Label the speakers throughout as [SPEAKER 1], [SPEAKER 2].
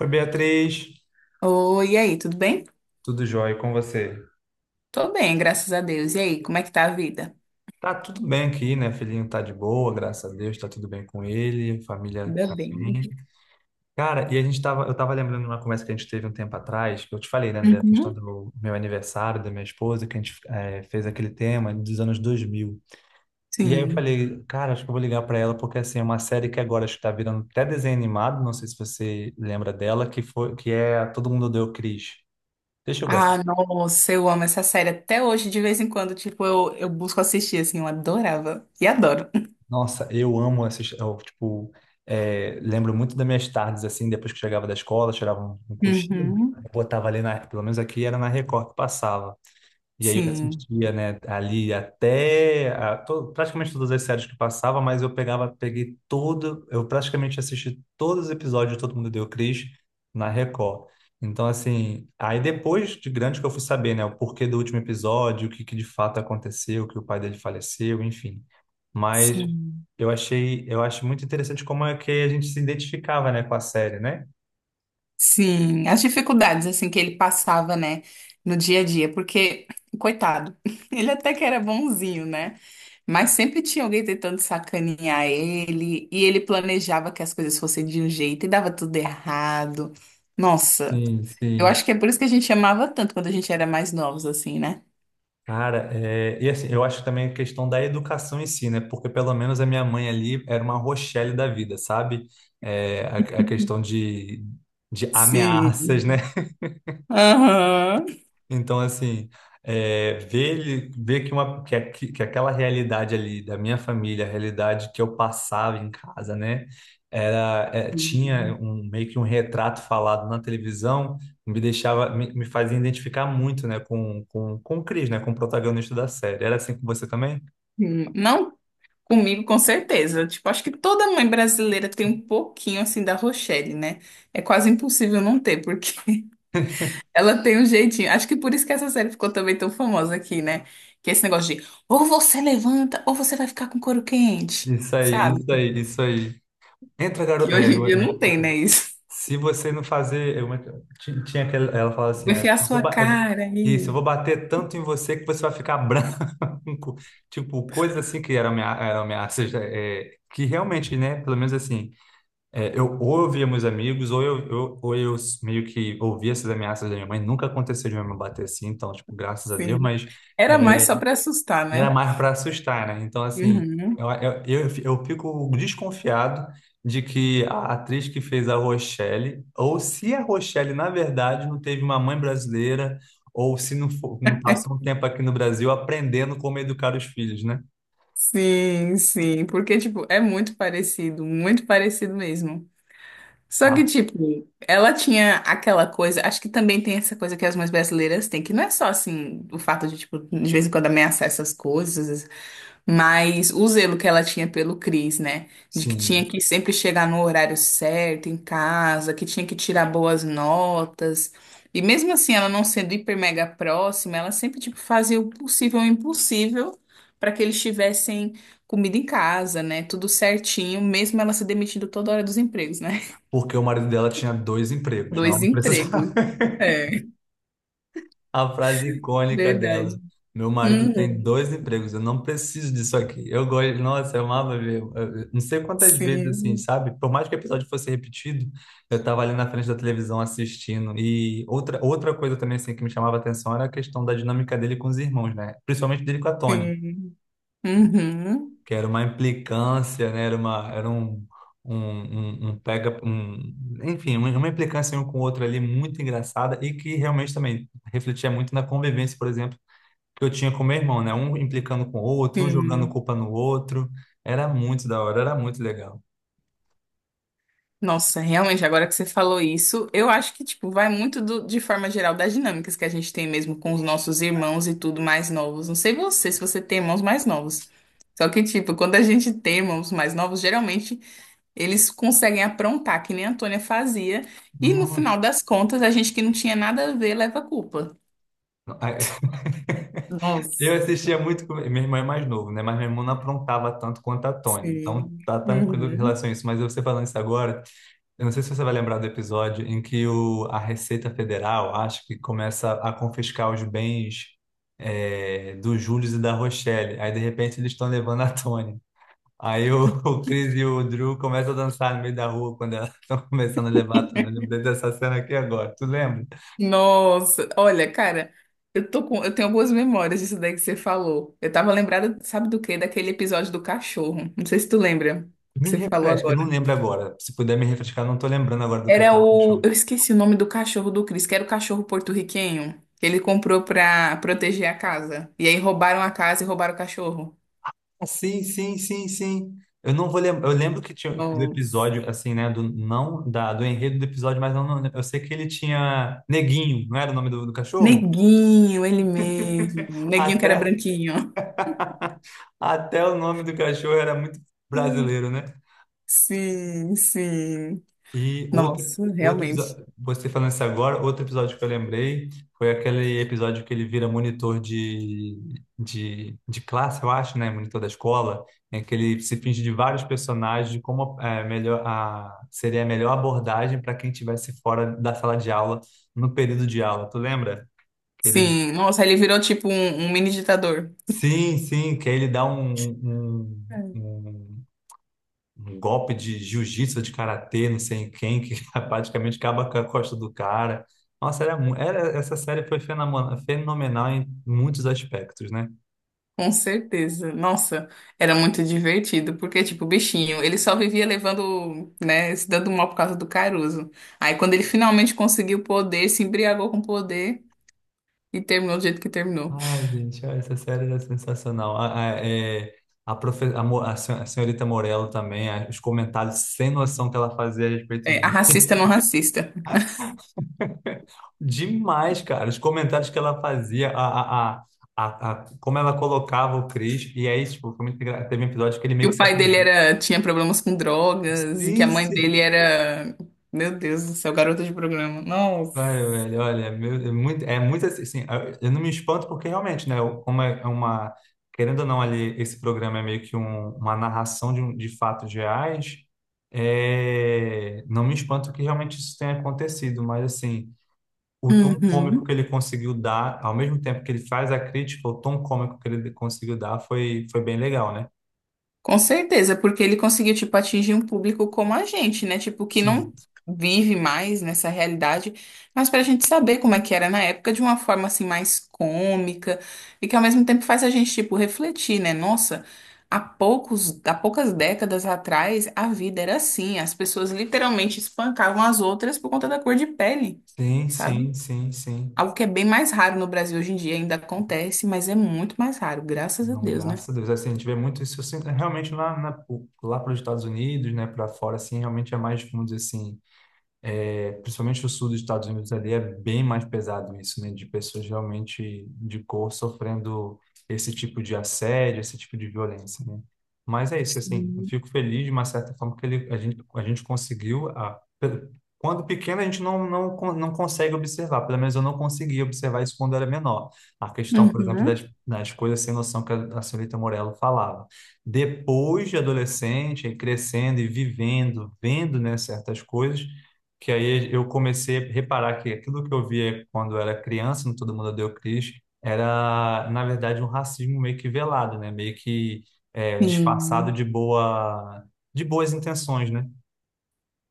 [SPEAKER 1] Oi, Beatriz.
[SPEAKER 2] Oi, e aí, tudo bem?
[SPEAKER 1] Tudo jóia e com você?
[SPEAKER 2] Tô bem, graças a Deus. E aí, como é que tá a vida?
[SPEAKER 1] Tá tudo bem aqui, né? Filhinho tá de boa, graças a Deus, tá tudo bem com ele, família tá
[SPEAKER 2] Ainda bem.
[SPEAKER 1] bem. Cara, e eu tava lembrando de uma conversa que a gente teve um tempo atrás, que eu te falei, né, da questão do
[SPEAKER 2] Uhum.
[SPEAKER 1] meu aniversário, da minha esposa, que a gente fez aquele tema dos anos 2000. E aí eu
[SPEAKER 2] Sim.
[SPEAKER 1] falei, cara, acho que eu vou ligar pra ela, porque assim, é uma série que agora acho que tá virando até desenho animado, não sei se você lembra dela, que foi, que é Todo Mundo Odeia o Chris. Você chegou a
[SPEAKER 2] Ah, nossa, eu amo essa série até hoje, de vez em quando, tipo, eu busco assistir, assim, eu adorava. E adoro.
[SPEAKER 1] Nossa, eu amo essas, eu, tipo, lembro muito das minhas tardes, assim, depois que chegava da escola, tirava um cochilo,
[SPEAKER 2] Uhum.
[SPEAKER 1] eu botava ali, pelo menos aqui era na Record que passava. E aí eu
[SPEAKER 2] Sim,
[SPEAKER 1] assistia, né, ali praticamente todas as séries que passava, mas eu praticamente assisti todos os episódios de Todo Mundo Deu Cris na Record. Então, assim, aí depois de grande que eu fui saber, né, o porquê do último episódio, o que que de fato aconteceu, que o pai dele faleceu, enfim. Mas
[SPEAKER 2] sim.
[SPEAKER 1] eu achei, eu acho muito interessante como é que a gente se identificava, né, com a série, né?
[SPEAKER 2] Sim, as dificuldades assim que ele passava, né, no dia a dia, porque coitado, ele até que era bonzinho, né? Mas sempre tinha alguém tentando sacanear ele, e ele planejava que as coisas fossem de um jeito e dava tudo errado. Nossa,
[SPEAKER 1] Sim,
[SPEAKER 2] eu
[SPEAKER 1] sim.
[SPEAKER 2] acho que é por isso que a gente amava tanto quando a gente era mais novos assim, né?
[SPEAKER 1] Cara, é, e assim, eu acho também a questão da educação em si, né? Porque pelo menos a minha mãe ali era uma Rochelle da vida, sabe? É, a questão de ameaças,
[SPEAKER 2] Sim.
[SPEAKER 1] né?
[SPEAKER 2] Aham.
[SPEAKER 1] Então, assim, ver que, que aquela realidade ali da minha família, a realidade que eu passava em casa, né? Era, é, tinha
[SPEAKER 2] Sim.
[SPEAKER 1] um, meio que um retrato falado na televisão, me deixava, me fazia identificar muito, né? Com o Chris, né? Com o protagonista da série. Era assim com você também?
[SPEAKER 2] Não. Comigo, com certeza. Tipo, acho que toda mãe brasileira tem um pouquinho assim da Rochelle, né? É quase impossível não ter, porque ela tem um jeitinho. Acho que por isso que essa série ficou também tão famosa aqui, né? Que é esse negócio de ou você levanta ou você vai ficar com couro quente,
[SPEAKER 1] Isso aí,
[SPEAKER 2] sabe?
[SPEAKER 1] isso aí, isso aí. Entra,
[SPEAKER 2] Que
[SPEAKER 1] garoto.
[SPEAKER 2] hoje em dia não tem, né? Isso.
[SPEAKER 1] Se você não fazer. Tinha aquela, ela fala assim:
[SPEAKER 2] Vai enfiar a
[SPEAKER 1] eu vou
[SPEAKER 2] sua
[SPEAKER 1] ba- eu vou-
[SPEAKER 2] cara
[SPEAKER 1] Isso, eu
[SPEAKER 2] aí.
[SPEAKER 1] vou bater tanto em você que você vai ficar branco. Tipo, coisas assim que eram ameaças. Que realmente, né? Pelo menos assim, ou eu via meus amigos, ou eu meio que ouvia essas ameaças da minha mãe. Nunca aconteceu de minha mãe bater assim, então, tipo, graças a Deus,
[SPEAKER 2] Sim.
[SPEAKER 1] mas.
[SPEAKER 2] Era
[SPEAKER 1] é,
[SPEAKER 2] mais só pra assustar,
[SPEAKER 1] Era
[SPEAKER 2] né?
[SPEAKER 1] mais para assustar, né? Então, assim,
[SPEAKER 2] Uhum.
[SPEAKER 1] eu fico desconfiado de que a atriz que fez a Rochelle, ou se a Rochelle, na verdade, não teve uma mãe brasileira, ou se não, não passou um tempo aqui no Brasil aprendendo como educar os filhos, né?
[SPEAKER 2] Sim, sim. Porque, tipo, é muito parecido mesmo. Só que,
[SPEAKER 1] Ah,
[SPEAKER 2] tipo, ela tinha aquela coisa, acho que também tem essa coisa que as mães brasileiras têm, que não é só assim, o fato de, tipo, de vez em quando ameaçar essas coisas, mas o zelo que ela tinha pelo Cris, né? De que tinha
[SPEAKER 1] sim.
[SPEAKER 2] que sempre chegar no horário certo, em casa, que tinha que tirar boas notas. E mesmo assim, ela não sendo hiper mega próxima, ela sempre, tipo, fazia o possível e o impossível para que eles tivessem comida em casa, né? Tudo certinho, mesmo ela se demitindo toda hora dos empregos, né?
[SPEAKER 1] Porque o marido dela tinha dois empregos,
[SPEAKER 2] Dois
[SPEAKER 1] não precisa.
[SPEAKER 2] empregos. É,
[SPEAKER 1] A frase icônica
[SPEAKER 2] verdade.
[SPEAKER 1] dela. Meu marido tem
[SPEAKER 2] Uhum.
[SPEAKER 1] dois empregos, eu não preciso disso aqui. Eu gosto, nossa, eu amava ver. Eu Não sei quantas vezes, assim,
[SPEAKER 2] Sim,
[SPEAKER 1] sabe? Por mais que o episódio fosse repetido, eu tava ali na frente da televisão assistindo. E outra, outra coisa também, assim, que me chamava a atenção era a questão da dinâmica dele com os irmãos, né? Principalmente dele com a Tony,
[SPEAKER 2] sim. Uhum,
[SPEAKER 1] que era uma implicância, né? Era uma, era um, um, um, um pega, um, enfim, uma implicância um com o outro ali muito engraçada e que realmente também refletia muito na convivência, por exemplo que eu tinha com meu irmão, né? Um implicando com o outro, um jogando
[SPEAKER 2] sim.
[SPEAKER 1] culpa no outro. Era muito da hora, era muito legal.
[SPEAKER 2] Nossa, realmente, agora que você falou isso, eu acho que, tipo, vai muito do- de forma geral das dinâmicas que a gente tem mesmo com os nossos irmãos e tudo mais novos. Não sei você, se você tem irmãos mais novos. Só que, tipo, quando a gente tem irmãos mais novos, geralmente eles conseguem aprontar, que nem a Antônia fazia, e no
[SPEAKER 1] Nossa.
[SPEAKER 2] final das contas, a gente que não tinha nada a ver leva a culpa.
[SPEAKER 1] Ai, eu
[SPEAKER 2] Nossa.
[SPEAKER 1] assistia muito com... Meu irmão é mais novo, né? Mas meu irmão não aprontava tanto quanto a Tony. Então,
[SPEAKER 2] Sim.
[SPEAKER 1] tá tranquilo em
[SPEAKER 2] Uhum.
[SPEAKER 1] relação a isso. Mas você falando isso agora, eu não sei se você vai lembrar do episódio em que o... a Receita Federal, acho que começa a confiscar os bens... do Júlio e da Rochelle. Aí, de repente, eles estão levando a Tony. Aí o, o Chris e o Drew começam a dançar no meio da rua quando elas estão começando a levar a Tony. Eu lembrei dessa cena aqui agora. Tu lembra?
[SPEAKER 2] Nossa, olha, cara, eu tenho algumas memórias disso daí que você falou. Eu tava lembrada, sabe do quê? Daquele episódio do cachorro. Não sei se tu lembra que
[SPEAKER 1] Me
[SPEAKER 2] você falou
[SPEAKER 1] refresca, eu não
[SPEAKER 2] agora.
[SPEAKER 1] lembro agora. Se puder me refrescar, eu não tô lembrando agora do
[SPEAKER 2] Era
[SPEAKER 1] Castelo do
[SPEAKER 2] o,
[SPEAKER 1] Chão.
[SPEAKER 2] eu esqueci o nome do cachorro do Chris, que era o cachorro porto-riquenho que ele comprou pra proteger a casa. E aí roubaram a casa e roubaram o cachorro.
[SPEAKER 1] Ah, sim, sim, sim, sim. Eu não vou lembrar. Eu lembro que tinha do
[SPEAKER 2] Nossa.
[SPEAKER 1] episódio, assim, né? Do, não da, do enredo do episódio, mas eu, não, eu sei que ele tinha Neguinho, não era o nome do cachorro?
[SPEAKER 2] Neguinho, ele mesmo. Neguinho que
[SPEAKER 1] Até,
[SPEAKER 2] era branquinho.
[SPEAKER 1] até o nome do cachorro era muito
[SPEAKER 2] Hum.
[SPEAKER 1] brasileiro, né?
[SPEAKER 2] Sim, sim.
[SPEAKER 1] E outro,
[SPEAKER 2] Nossa,
[SPEAKER 1] outro
[SPEAKER 2] realmente.
[SPEAKER 1] episódio, você falando isso agora, outro episódio que eu lembrei foi aquele episódio que ele vira monitor de classe, eu acho, né? Monitor da escola, em que ele se finge de vários personagens, de como é, melhor, a, seria a melhor abordagem para quem estivesse fora da sala de aula, no período de aula. Tu lembra? Que ele,
[SPEAKER 2] Sim, nossa, ele virou tipo um mini ditador.
[SPEAKER 1] sim, sim, que aí ele dá um, um
[SPEAKER 2] É.
[SPEAKER 1] um um golpe de jiu-jitsu, de karatê, não sei em quem, que praticamente acaba com a costa do cara. Nossa, essa série foi fenomenal em muitos aspectos, né?
[SPEAKER 2] Com certeza. Nossa, era muito divertido, porque, tipo, o bichinho, ele só vivia levando, né, se dando mal por causa do Caruso. Aí, quando ele finalmente conseguiu o poder, se embriagou com o poder e terminou do jeito que terminou.
[SPEAKER 1] Ai, gente, olha, essa série era sensacional. A, é, a, profe, a, mo- a sen- a senhorita Morello também, a- os comentários sem noção que ela fazia a respeito.
[SPEAKER 2] É, a racista não racista.
[SPEAKER 1] Demais, cara, os comentários que ela fazia, como ela colocava o Chris, e aí, tipo, foi teve um episódio que ele
[SPEAKER 2] Que
[SPEAKER 1] meio que
[SPEAKER 2] o
[SPEAKER 1] se
[SPEAKER 2] pai dele
[SPEAKER 1] aproximou.
[SPEAKER 2] era, tinha problemas com drogas e que a
[SPEAKER 1] Sim,
[SPEAKER 2] mãe
[SPEAKER 1] sim.
[SPEAKER 2] dele era. Meu Deus do céu, garota de programa. Nossa.
[SPEAKER 1] Vai, velho, olha, é muito assim, assim, eu não me espanto porque realmente, né, como é uma, querendo ou não ali, esse programa é meio que uma narração de fatos reais, não me espanto que realmente isso tenha acontecido, mas assim, o tom cômico que
[SPEAKER 2] Uhum.
[SPEAKER 1] ele conseguiu dar, ao mesmo tempo que ele faz a crítica, o tom cômico que ele conseguiu dar foi, foi bem legal, né?
[SPEAKER 2] Com certeza, porque ele conseguiu, tipo, atingir um público como a gente, né? Tipo, que
[SPEAKER 1] Sim.
[SPEAKER 2] não vive mais nessa realidade, mas pra gente saber como é que era na época de uma forma, assim, mais cômica e que ao mesmo tempo faz a gente, tipo, refletir, né? Nossa, há poucos, há poucas décadas atrás a vida era assim, as pessoas literalmente espancavam as outras por conta da cor de pele,
[SPEAKER 1] Sim,
[SPEAKER 2] sabe?
[SPEAKER 1] sim, sim, sim.
[SPEAKER 2] Algo que é bem mais raro no Brasil hoje em dia, ainda acontece, mas é muito mais raro, graças a
[SPEAKER 1] Não,
[SPEAKER 2] Deus, né?
[SPEAKER 1] graças a Deus. Assim, a gente vê muito isso assim, realmente lá, na, lá para os Estados Unidos, né, para fora, assim, realmente é mais, vamos dizer assim. É, principalmente o sul dos Estados Unidos ali é bem mais pesado isso, né? De pessoas realmente de cor sofrendo esse tipo de assédio, esse tipo de violência, né? Mas é isso, assim, eu
[SPEAKER 2] Sim.
[SPEAKER 1] fico feliz de uma certa forma que ele, a gente conseguiu, quando pequeno a gente não consegue observar, pelo menos eu não conseguia observar isso quando era menor. A questão, por exemplo, das,
[SPEAKER 2] Uhum.
[SPEAKER 1] das coisas sem noção que a senhorita Morello falava. Depois de adolescente, aí crescendo e vivendo, vendo, né, certas coisas, que aí eu comecei a reparar que aquilo que eu via quando eu era criança, no Todo Mundo Odeia o Chris, era, na verdade, um racismo meio que velado, né? Meio que disfarçado
[SPEAKER 2] Sim,
[SPEAKER 1] de boa, de boas intenções, né?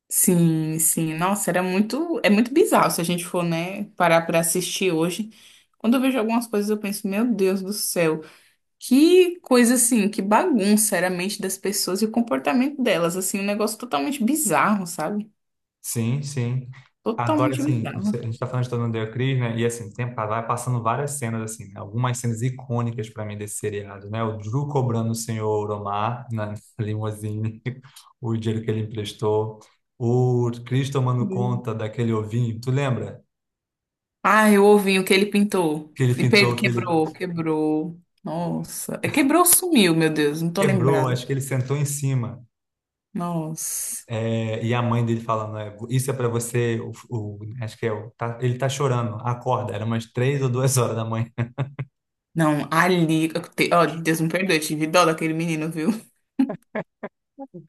[SPEAKER 2] sim, sim. Nossa, era muito, é muito bizarro se a gente for, né, parar para assistir hoje. Quando eu vejo algumas coisas, eu penso, meu Deus do céu, que coisa assim, que bagunça era a mente das pessoas e o comportamento delas, assim, um negócio totalmente bizarro, sabe?
[SPEAKER 1] Sim, sim. Agora,
[SPEAKER 2] Totalmente
[SPEAKER 1] assim,
[SPEAKER 2] bizarro.
[SPEAKER 1] a gente está falando de Todo Mundo Odeia o né? E, assim, tem, tá, vai passando várias cenas, assim, né? Algumas cenas icônicas para mim desse seriado, né? O Drew cobrando o senhor Omar na limousine, o dinheiro que ele emprestou. O Chris tomando
[SPEAKER 2] Hum.
[SPEAKER 1] conta daquele ovinho, tu lembra?
[SPEAKER 2] Ai, o ovinho que ele pintou
[SPEAKER 1] Que ele
[SPEAKER 2] e
[SPEAKER 1] pintou, que ele
[SPEAKER 2] quebrou, quebrou. Nossa, é, quebrou, sumiu, meu Deus, não tô
[SPEAKER 1] quebrou,
[SPEAKER 2] lembrada.
[SPEAKER 1] acho que ele sentou em cima.
[SPEAKER 2] Nossa.
[SPEAKER 1] E a mãe dele falando, isso é para você, acho que ele tá chorando, acorda, era umas 3 ou 2 horas da manhã.
[SPEAKER 2] Não, ali. Ó, Deus me perdoe, eu tive dó daquele menino, viu?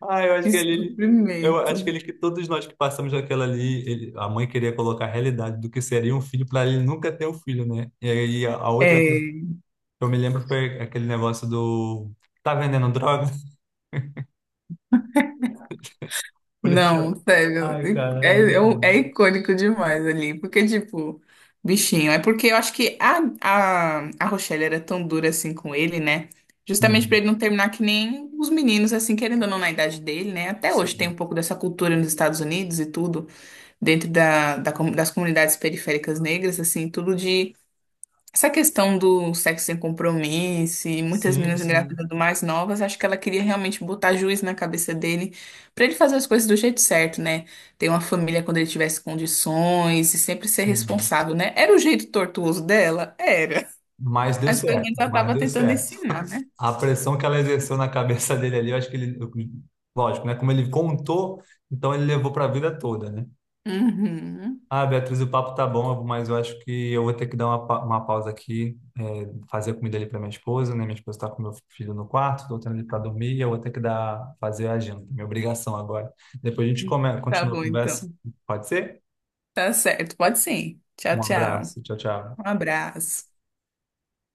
[SPEAKER 1] Ah,
[SPEAKER 2] Que
[SPEAKER 1] eu acho que
[SPEAKER 2] sofrimento.
[SPEAKER 1] ele que todos nós que passamos daquela ali, a mãe queria colocar a realidade do que seria um filho para ele nunca ter um filho, né? E aí a outra
[SPEAKER 2] É,
[SPEAKER 1] coisa que eu me lembro foi aquele negócio do tá vendendo droga?
[SPEAKER 2] não,
[SPEAKER 1] Policial.
[SPEAKER 2] sério.
[SPEAKER 1] Ai, cara, era
[SPEAKER 2] É,
[SPEAKER 1] muito
[SPEAKER 2] é, é
[SPEAKER 1] bom.
[SPEAKER 2] icônico demais ali. Porque, tipo, bichinho. É porque eu acho que a Rochelle era tão dura assim com ele, né? Justamente pra
[SPEAKER 1] Uhum.
[SPEAKER 2] ele não terminar que nem os meninos, assim, querendo ou não, na idade dele, né? Até hoje tem
[SPEAKER 1] Sim,
[SPEAKER 2] um pouco dessa cultura nos Estados Unidos e tudo, dentro das comunidades periféricas negras, assim, tudo de. Essa questão do sexo sem compromisso, e muitas
[SPEAKER 1] sim,
[SPEAKER 2] meninas
[SPEAKER 1] sim.
[SPEAKER 2] engravidando mais novas, acho que ela queria realmente botar juiz na cabeça dele, pra ele fazer as coisas do jeito certo, né? Ter uma família quando ele tivesse condições e sempre ser
[SPEAKER 1] Sim.
[SPEAKER 2] responsável, né? Era o jeito tortuoso dela? Era.
[SPEAKER 1] Mas deu
[SPEAKER 2] Mas pelo
[SPEAKER 1] certo,
[SPEAKER 2] menos ela
[SPEAKER 1] mas
[SPEAKER 2] tava
[SPEAKER 1] deu
[SPEAKER 2] tentando
[SPEAKER 1] certo.
[SPEAKER 2] ensinar, né?
[SPEAKER 1] A pressão que ela exerceu na cabeça dele ali, eu acho que ele, eu- lógico, né? Como ele contou, então ele levou para a vida toda, né?
[SPEAKER 2] Uhum.
[SPEAKER 1] Ah, Beatriz, o papo tá bom, mas eu acho que eu vou ter que dar uma pausa aqui, fazer a comida ali para minha esposa, né? Minha esposa tá com meu filho no quarto, tô tendo ele para dormir e eu vou ter que fazer a janta, minha obrigação agora. Depois a gente come,
[SPEAKER 2] Tá
[SPEAKER 1] continua a
[SPEAKER 2] bom,
[SPEAKER 1] conversa,
[SPEAKER 2] então.
[SPEAKER 1] pode ser?
[SPEAKER 2] Tá certo. Pode sim. Tchau,
[SPEAKER 1] Um
[SPEAKER 2] tchau.
[SPEAKER 1] abraço, tchau, tchau.
[SPEAKER 2] Um abraço.